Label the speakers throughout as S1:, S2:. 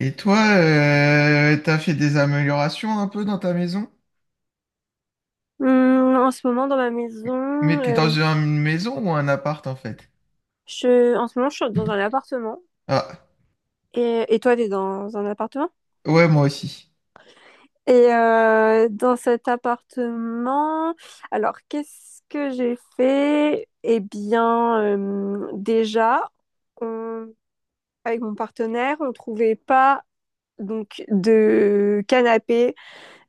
S1: Et toi, t'as fait des améliorations un peu dans ta maison?
S2: En ce moment, dans ma maison,
S1: Mais t'es dans
S2: euh,
S1: une maison ou un appart en fait?
S2: je, en ce moment, je suis dans un appartement.
S1: Ah,
S2: Et toi, t'es dans un appartement?
S1: ouais, moi aussi.
S2: Et dans cet appartement, alors qu'est-ce que j'ai fait? Eh bien, déjà, on- avec mon partenaire, on trouvait pas donc de canapé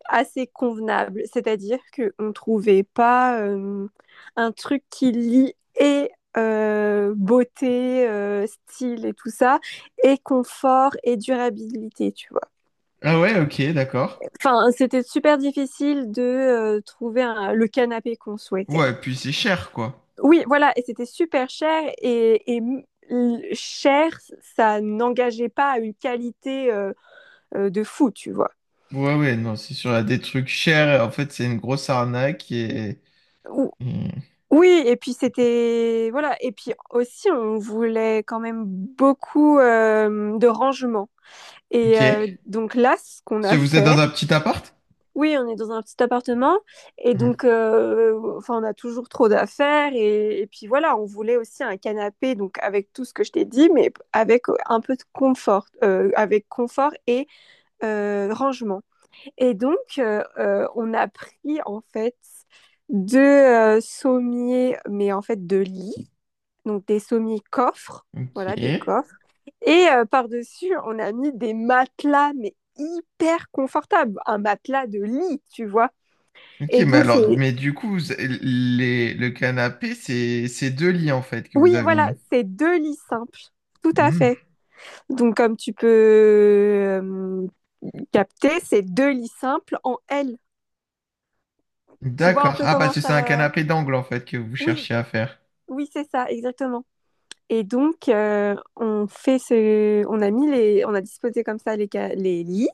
S2: assez convenable. C'est-à-dire qu'on ne trouvait pas un truc qui lie et beauté, style et tout ça, et confort et durabilité, tu vois.
S1: Ah ouais, ok, d'accord.
S2: Enfin, c'était super difficile de trouver le canapé qu'on souhaitait.
S1: Ouais, puis c'est cher quoi.
S2: Oui, voilà, et c'était super cher et cher, ça n'engageait pas à une qualité de fou, tu vois.
S1: Ouais, ouais, non, c'est sûr, il y a des trucs chers. En fait, c'est une grosse arnaque et... Hmm.
S2: Oui, et puis c'était voilà, et puis aussi on voulait quand même beaucoup de rangement.
S1: Ok.
S2: Et donc là, ce qu'on
S1: Si
S2: a
S1: vous êtes dans
S2: fait,
S1: un petit appart?
S2: oui, on est dans un petit appartement, et
S1: Hmm.
S2: donc enfin on a toujours trop d'affaires, et puis voilà, on voulait aussi un canapé, donc avec tout ce que je t'ai dit, mais avec un peu de confort, avec confort et rangement. Et donc on a pris en fait deux sommiers, mais en fait deux lits donc des sommiers-coffres,
S1: Ok.
S2: voilà, des coffres. Et par-dessus, on a mis des matelas, mais hyper confortables, un matelas de lit, tu vois.
S1: Ok,
S2: Et
S1: mais
S2: donc,
S1: alors,
S2: c'est.
S1: mais du coup, vous- les, le canapé, c'est deux lits en fait que vous
S2: Oui,
S1: avez
S2: voilà,
S1: mis.
S2: c'est deux lits simples, tout à fait.
S1: Hmm.
S2: Donc, comme tu peux capter, c'est deux lits simples en L. Tu vois un
S1: D'accord.
S2: peu
S1: Ah,
S2: comment
S1: parce que c'est un
S2: ça.
S1: canapé d'angle, en fait, que vous
S2: Oui,
S1: cherchez à faire.
S2: oui, c'est ça, exactement. Et donc, on fait ce, on a mis les, on a disposé comme ça les, les lits.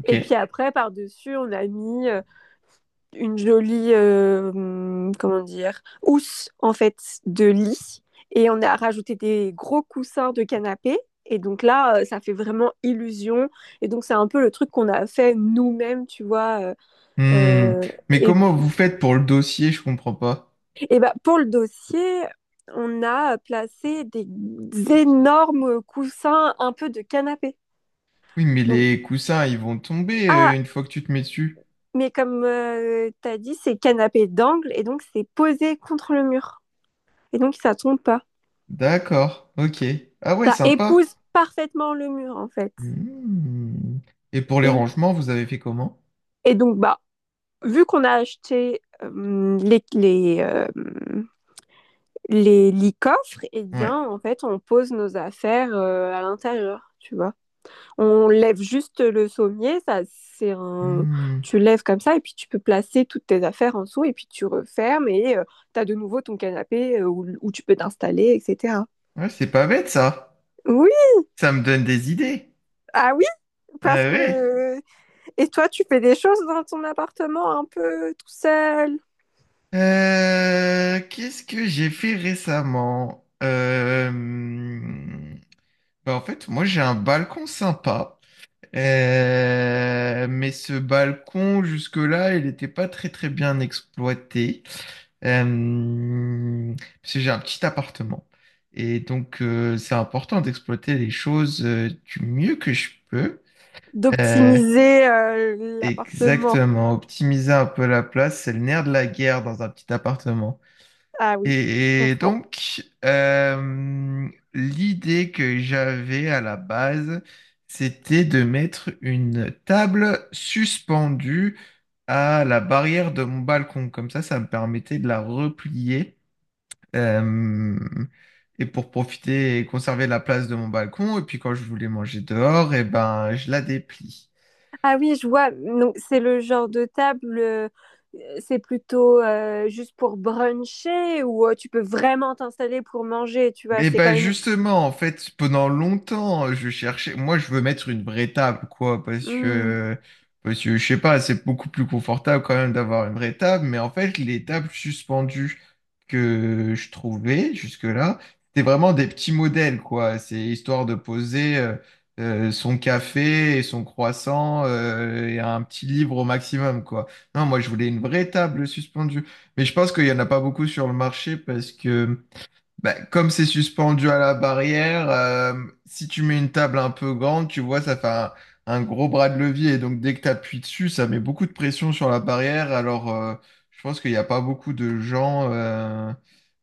S1: Ok.
S2: Et puis après, par-dessus, on a mis une jolie, comment dire, housse en fait de lit. Et on a rajouté des gros coussins de canapé. Et donc là, ça fait vraiment illusion. Et donc c'est un peu le truc qu'on a fait nous-mêmes, tu vois.
S1: Hmm. Mais
S2: Et
S1: comment
S2: puis,
S1: vous faites pour le dossier? Je comprends pas.
S2: et bah, pour le dossier, on a placé des énormes coussins un peu de canapé.
S1: Oui, mais
S2: Donc,
S1: les coussins, ils vont tomber
S2: ah,
S1: une fois que tu te mets dessus.
S2: mais comme t'as dit, c'est canapé d'angle et donc c'est posé contre le mur. Et donc ça tombe pas.
S1: D'accord. Ok. Ah ouais,
S2: Ça
S1: sympa.
S2: épouse parfaitement le mur en fait.
S1: Hmm. Et pour les
S2: Et,
S1: rangements, vous avez fait comment?
S2: et donc bah vu qu'on a acheté les coffres, et eh
S1: Ouais.
S2: bien en fait on pose nos affaires à l'intérieur, tu vois. On lève juste le sommier, ça, c'est un...
S1: Hmm.
S2: tu lèves comme ça et puis tu peux placer toutes tes affaires en dessous et puis tu refermes et tu as de nouveau ton canapé où tu peux t'installer, etc.
S1: Ouais, c'est pas bête, ça.
S2: Oui,
S1: Ça me donne des idées.
S2: ah oui, parce
S1: Ah ouais.
S2: que... Et toi, tu fais des choses dans ton appartement un peu tout seul,
S1: Qu'est-ce que j'ai fait récemment? Hmm. Bah, en fait, moi j'ai un balcon sympa. Mais ce balcon jusque-là, il n'était pas très très bien exploité, Euh, parce que j'ai un petit appartement. Et donc c'est important d'exploiter les choses du mieux que je peux. Euh,
S2: d'optimiser l'appartement.
S1: exactement, optimiser un peu la place, c'est le nerf de la guerre dans un petit appartement.
S2: Ah oui, je
S1: Et
S2: comprends.
S1: donc, l'idée que j'avais à la base, c'était de mettre une table suspendue à la barrière de mon balcon. Comme ça me permettait de la replier euh, et pour profiter et conserver la place de mon balcon. Et puis quand je voulais manger dehors, et ben, je la déplie.
S2: Ah oui, je vois. Donc, c'est le genre de table, c'est plutôt juste pour bruncher ou tu peux vraiment t'installer pour manger, tu vois.
S1: Mais
S2: C'est
S1: bah
S2: quand même.
S1: justement, en fait, pendant longtemps, je cherchais. Moi, je veux mettre une vraie table, quoi,
S2: Hmm,
S1: parce que je sais pas, c'est beaucoup plus confortable quand même d'avoir une vraie table. Mais en fait, les tables suspendues que je trouvais jusque-là, c'était vraiment des petits modèles, quoi. C'est histoire de poser son café et son croissant et un petit livre au maximum, quoi. Non, moi, je voulais une vraie table suspendue. Mais je pense qu'il y en a pas beaucoup sur le marché parce que bah, comme c'est suspendu à la barrière, si tu mets une table un peu grande, tu vois, un gros bras de levier. Et donc, dès que tu appuies dessus, ça met beaucoup de pression sur la barrière. Alors, je pense qu'il n'y a pas beaucoup de gens euh,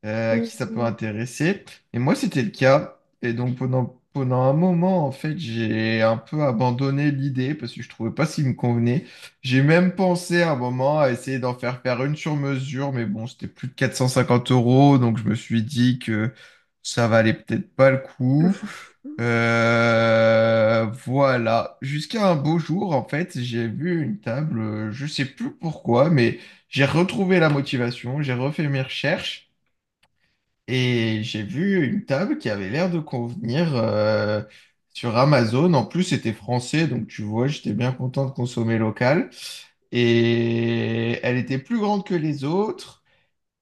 S1: euh, à
S2: hmm,
S1: qui ça peut
S2: hmm.
S1: intéresser. Et moi, c'était le cas. Et donc, pendant un moment, en fait, j'ai un peu abandonné l'idée parce que je trouvais pas s'il me convenait. J'ai même pensé à un moment à essayer d'en faire faire une sur mesure, mais bon, c'était plus de 450 euros, donc je me suis dit que ça valait peut-être pas le coup. Voilà. Jusqu'à un beau jour, en fait, j'ai vu une table, je sais plus pourquoi, mais j'ai retrouvé la motivation, j'ai refait mes recherches et j'ai vu une table qui avait l'air de convenir sur Amazon. En plus, c'était français, donc tu vois, j'étais bien content de consommer local. Et elle était plus grande que les autres,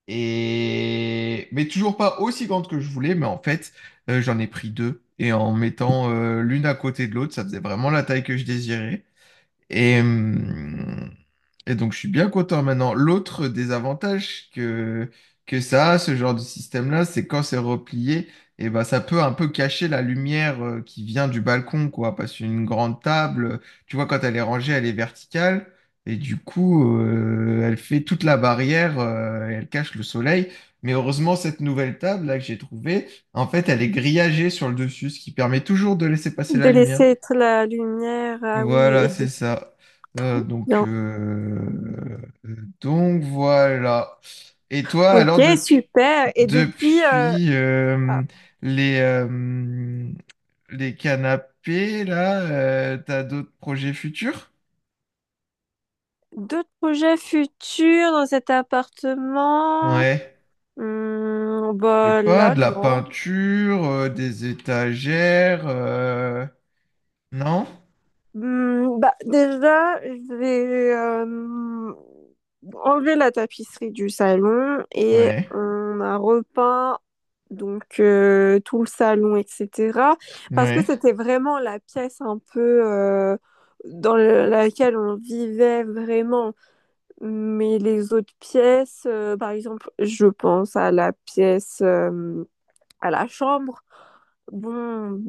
S1: et... mais toujours pas aussi grande que je voulais. Mais en fait, j'en ai pris deux. Et en mettant l'une à côté de l'autre, ça faisait vraiment la taille que je désirais. Et, hum, et donc, je suis bien content maintenant. Que ça a, ce genre de système-là, c'est quand c'est replié, et ben, ça peut un peu cacher la lumière qui vient du balcon, quoi. Parce qu'une grande table, tu vois, quand elle est rangée, elle est verticale. Et du coup, elle fait toute la barrière, et elle cache le soleil. Mais heureusement, cette nouvelle table là que j'ai trouvée, en fait, elle est grillagée sur le dessus, ce qui permet toujours de laisser passer la
S2: De laisser
S1: lumière.
S2: être la lumière, ah oui, et
S1: Voilà, c'est
S2: de.
S1: ça. Euh,
S2: Trop
S1: donc,
S2: bien.
S1: euh, donc voilà. Et toi,
S2: Ok,
S1: alors depuis
S2: super. Et depuis,
S1: depuis
S2: ah,
S1: les euh, les canapés là, t'as d'autres projets futurs?
S2: d'autres projets futurs dans cet appartement?
S1: Ouais.
S2: Hmm,
S1: J'ai
S2: bah
S1: pas
S2: là,
S1: de la
S2: non.
S1: peinture, des étagères, non?
S2: Hmm, bah, déjà, je vais enlever la tapisserie du salon et
S1: Ouais.
S2: on a repeint donc tout le salon, etc. Parce que
S1: Ouais.
S2: c'était vraiment la pièce un peu dans laquelle on vivait vraiment. Mais les autres pièces, par exemple, je pense à la pièce à la chambre. Bon,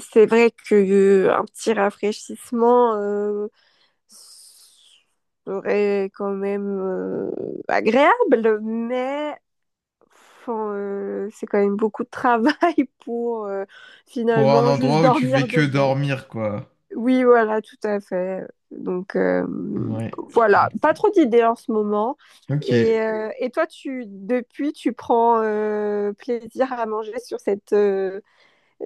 S2: c'est vrai que un petit rafraîchissement serait quand même agréable, mais enfin, c'est quand même beaucoup de travail pour
S1: Pour un
S2: finalement juste
S1: endroit où tu fais
S2: dormir
S1: que
S2: dedans.
S1: dormir, quoi.
S2: Oui, voilà, tout à fait. Donc
S1: Ouais, je
S2: voilà, pas
S1: comprends.
S2: trop d'idées en ce moment.
S1: Ok.
S2: Et toi, tu depuis, tu prends plaisir à manger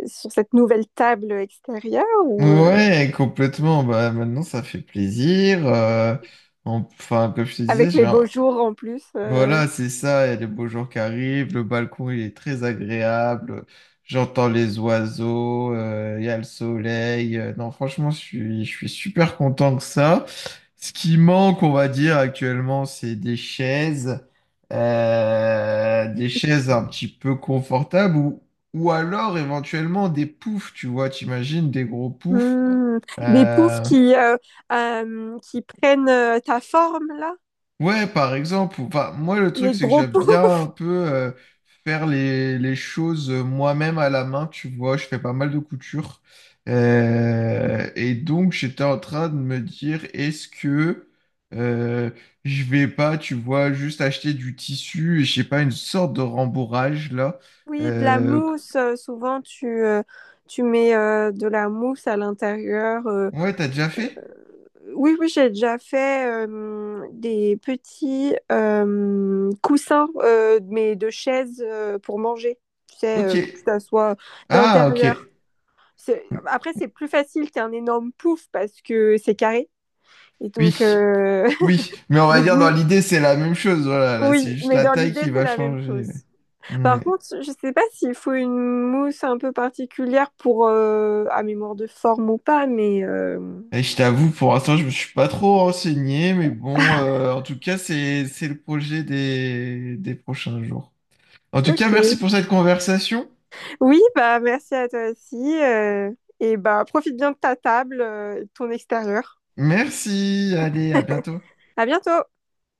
S2: sur cette nouvelle table extérieure ou
S1: Ouais, complètement. Bah, maintenant, ça fait plaisir. En- enfin, comme je te disais,
S2: avec les beaux
S1: genre,
S2: jours en plus
S1: voilà, c'est ça. Il y a les beaux jours qui arrivent. Le balcon, il est très agréable. J'entends les oiseaux. Il y a le soleil. Non, franchement, je suis super content que ça. Ce qui manque, on va dire, actuellement, c'est des chaises. Des chaises un petit peu confortables ou alors éventuellement des poufs, tu vois. T'imagines des gros poufs
S2: hmm, des poufs
S1: euh,
S2: qui prennent ta forme là.
S1: ouais, par exemple, enfin, moi le truc
S2: Les
S1: c'est que
S2: gros
S1: j'aime bien
S2: poufs.
S1: un peu faire les choses moi-même à la main, tu vois, je fais pas mal de couture. Et donc j'étais en train de me dire, est-ce que euh, je vais pas, tu vois, juste acheter du tissu et je sais pas, une sorte de rembourrage là.
S2: Oui, de la
S1: Euh,
S2: mousse. Souvent, tu tu mets de la mousse à l'intérieur.
S1: ouais, t'as déjà fait?
S2: Oui, oui, j'ai déjà fait des petits coussins, mais de chaises pour manger. Tu sais,
S1: Ok.
S2: que ça soit
S1: Ah, ok.
S2: d'intérieur. C'est... Après, c'est plus facile qu'un énorme pouf parce que c'est carré. Et donc,
S1: Oui. Oui, mais on va
S2: Donc
S1: dire
S2: oui,
S1: dans l'idée, c'est la même chose. Voilà, là,
S2: oui,
S1: c'est juste
S2: mais
S1: la
S2: dans
S1: taille
S2: l'idée,
S1: qui
S2: c'est
S1: va
S2: la même
S1: changer.
S2: chose.
S1: Ouais.
S2: Par contre, je sais pas s'il faut une mousse un peu particulière pour à mémoire de forme ou pas, mais
S1: Et je t'avoue, pour l'instant, je me suis pas trop renseigné, mais bon, en tout cas, c'est le projet des prochains jours. En tout cas, merci
S2: ok.
S1: pour cette conversation.
S2: Oui, bah merci à toi aussi. euh, et bah profite bien de ta table et de ton extérieur.
S1: Merci. Allez, à bientôt.
S2: À bientôt!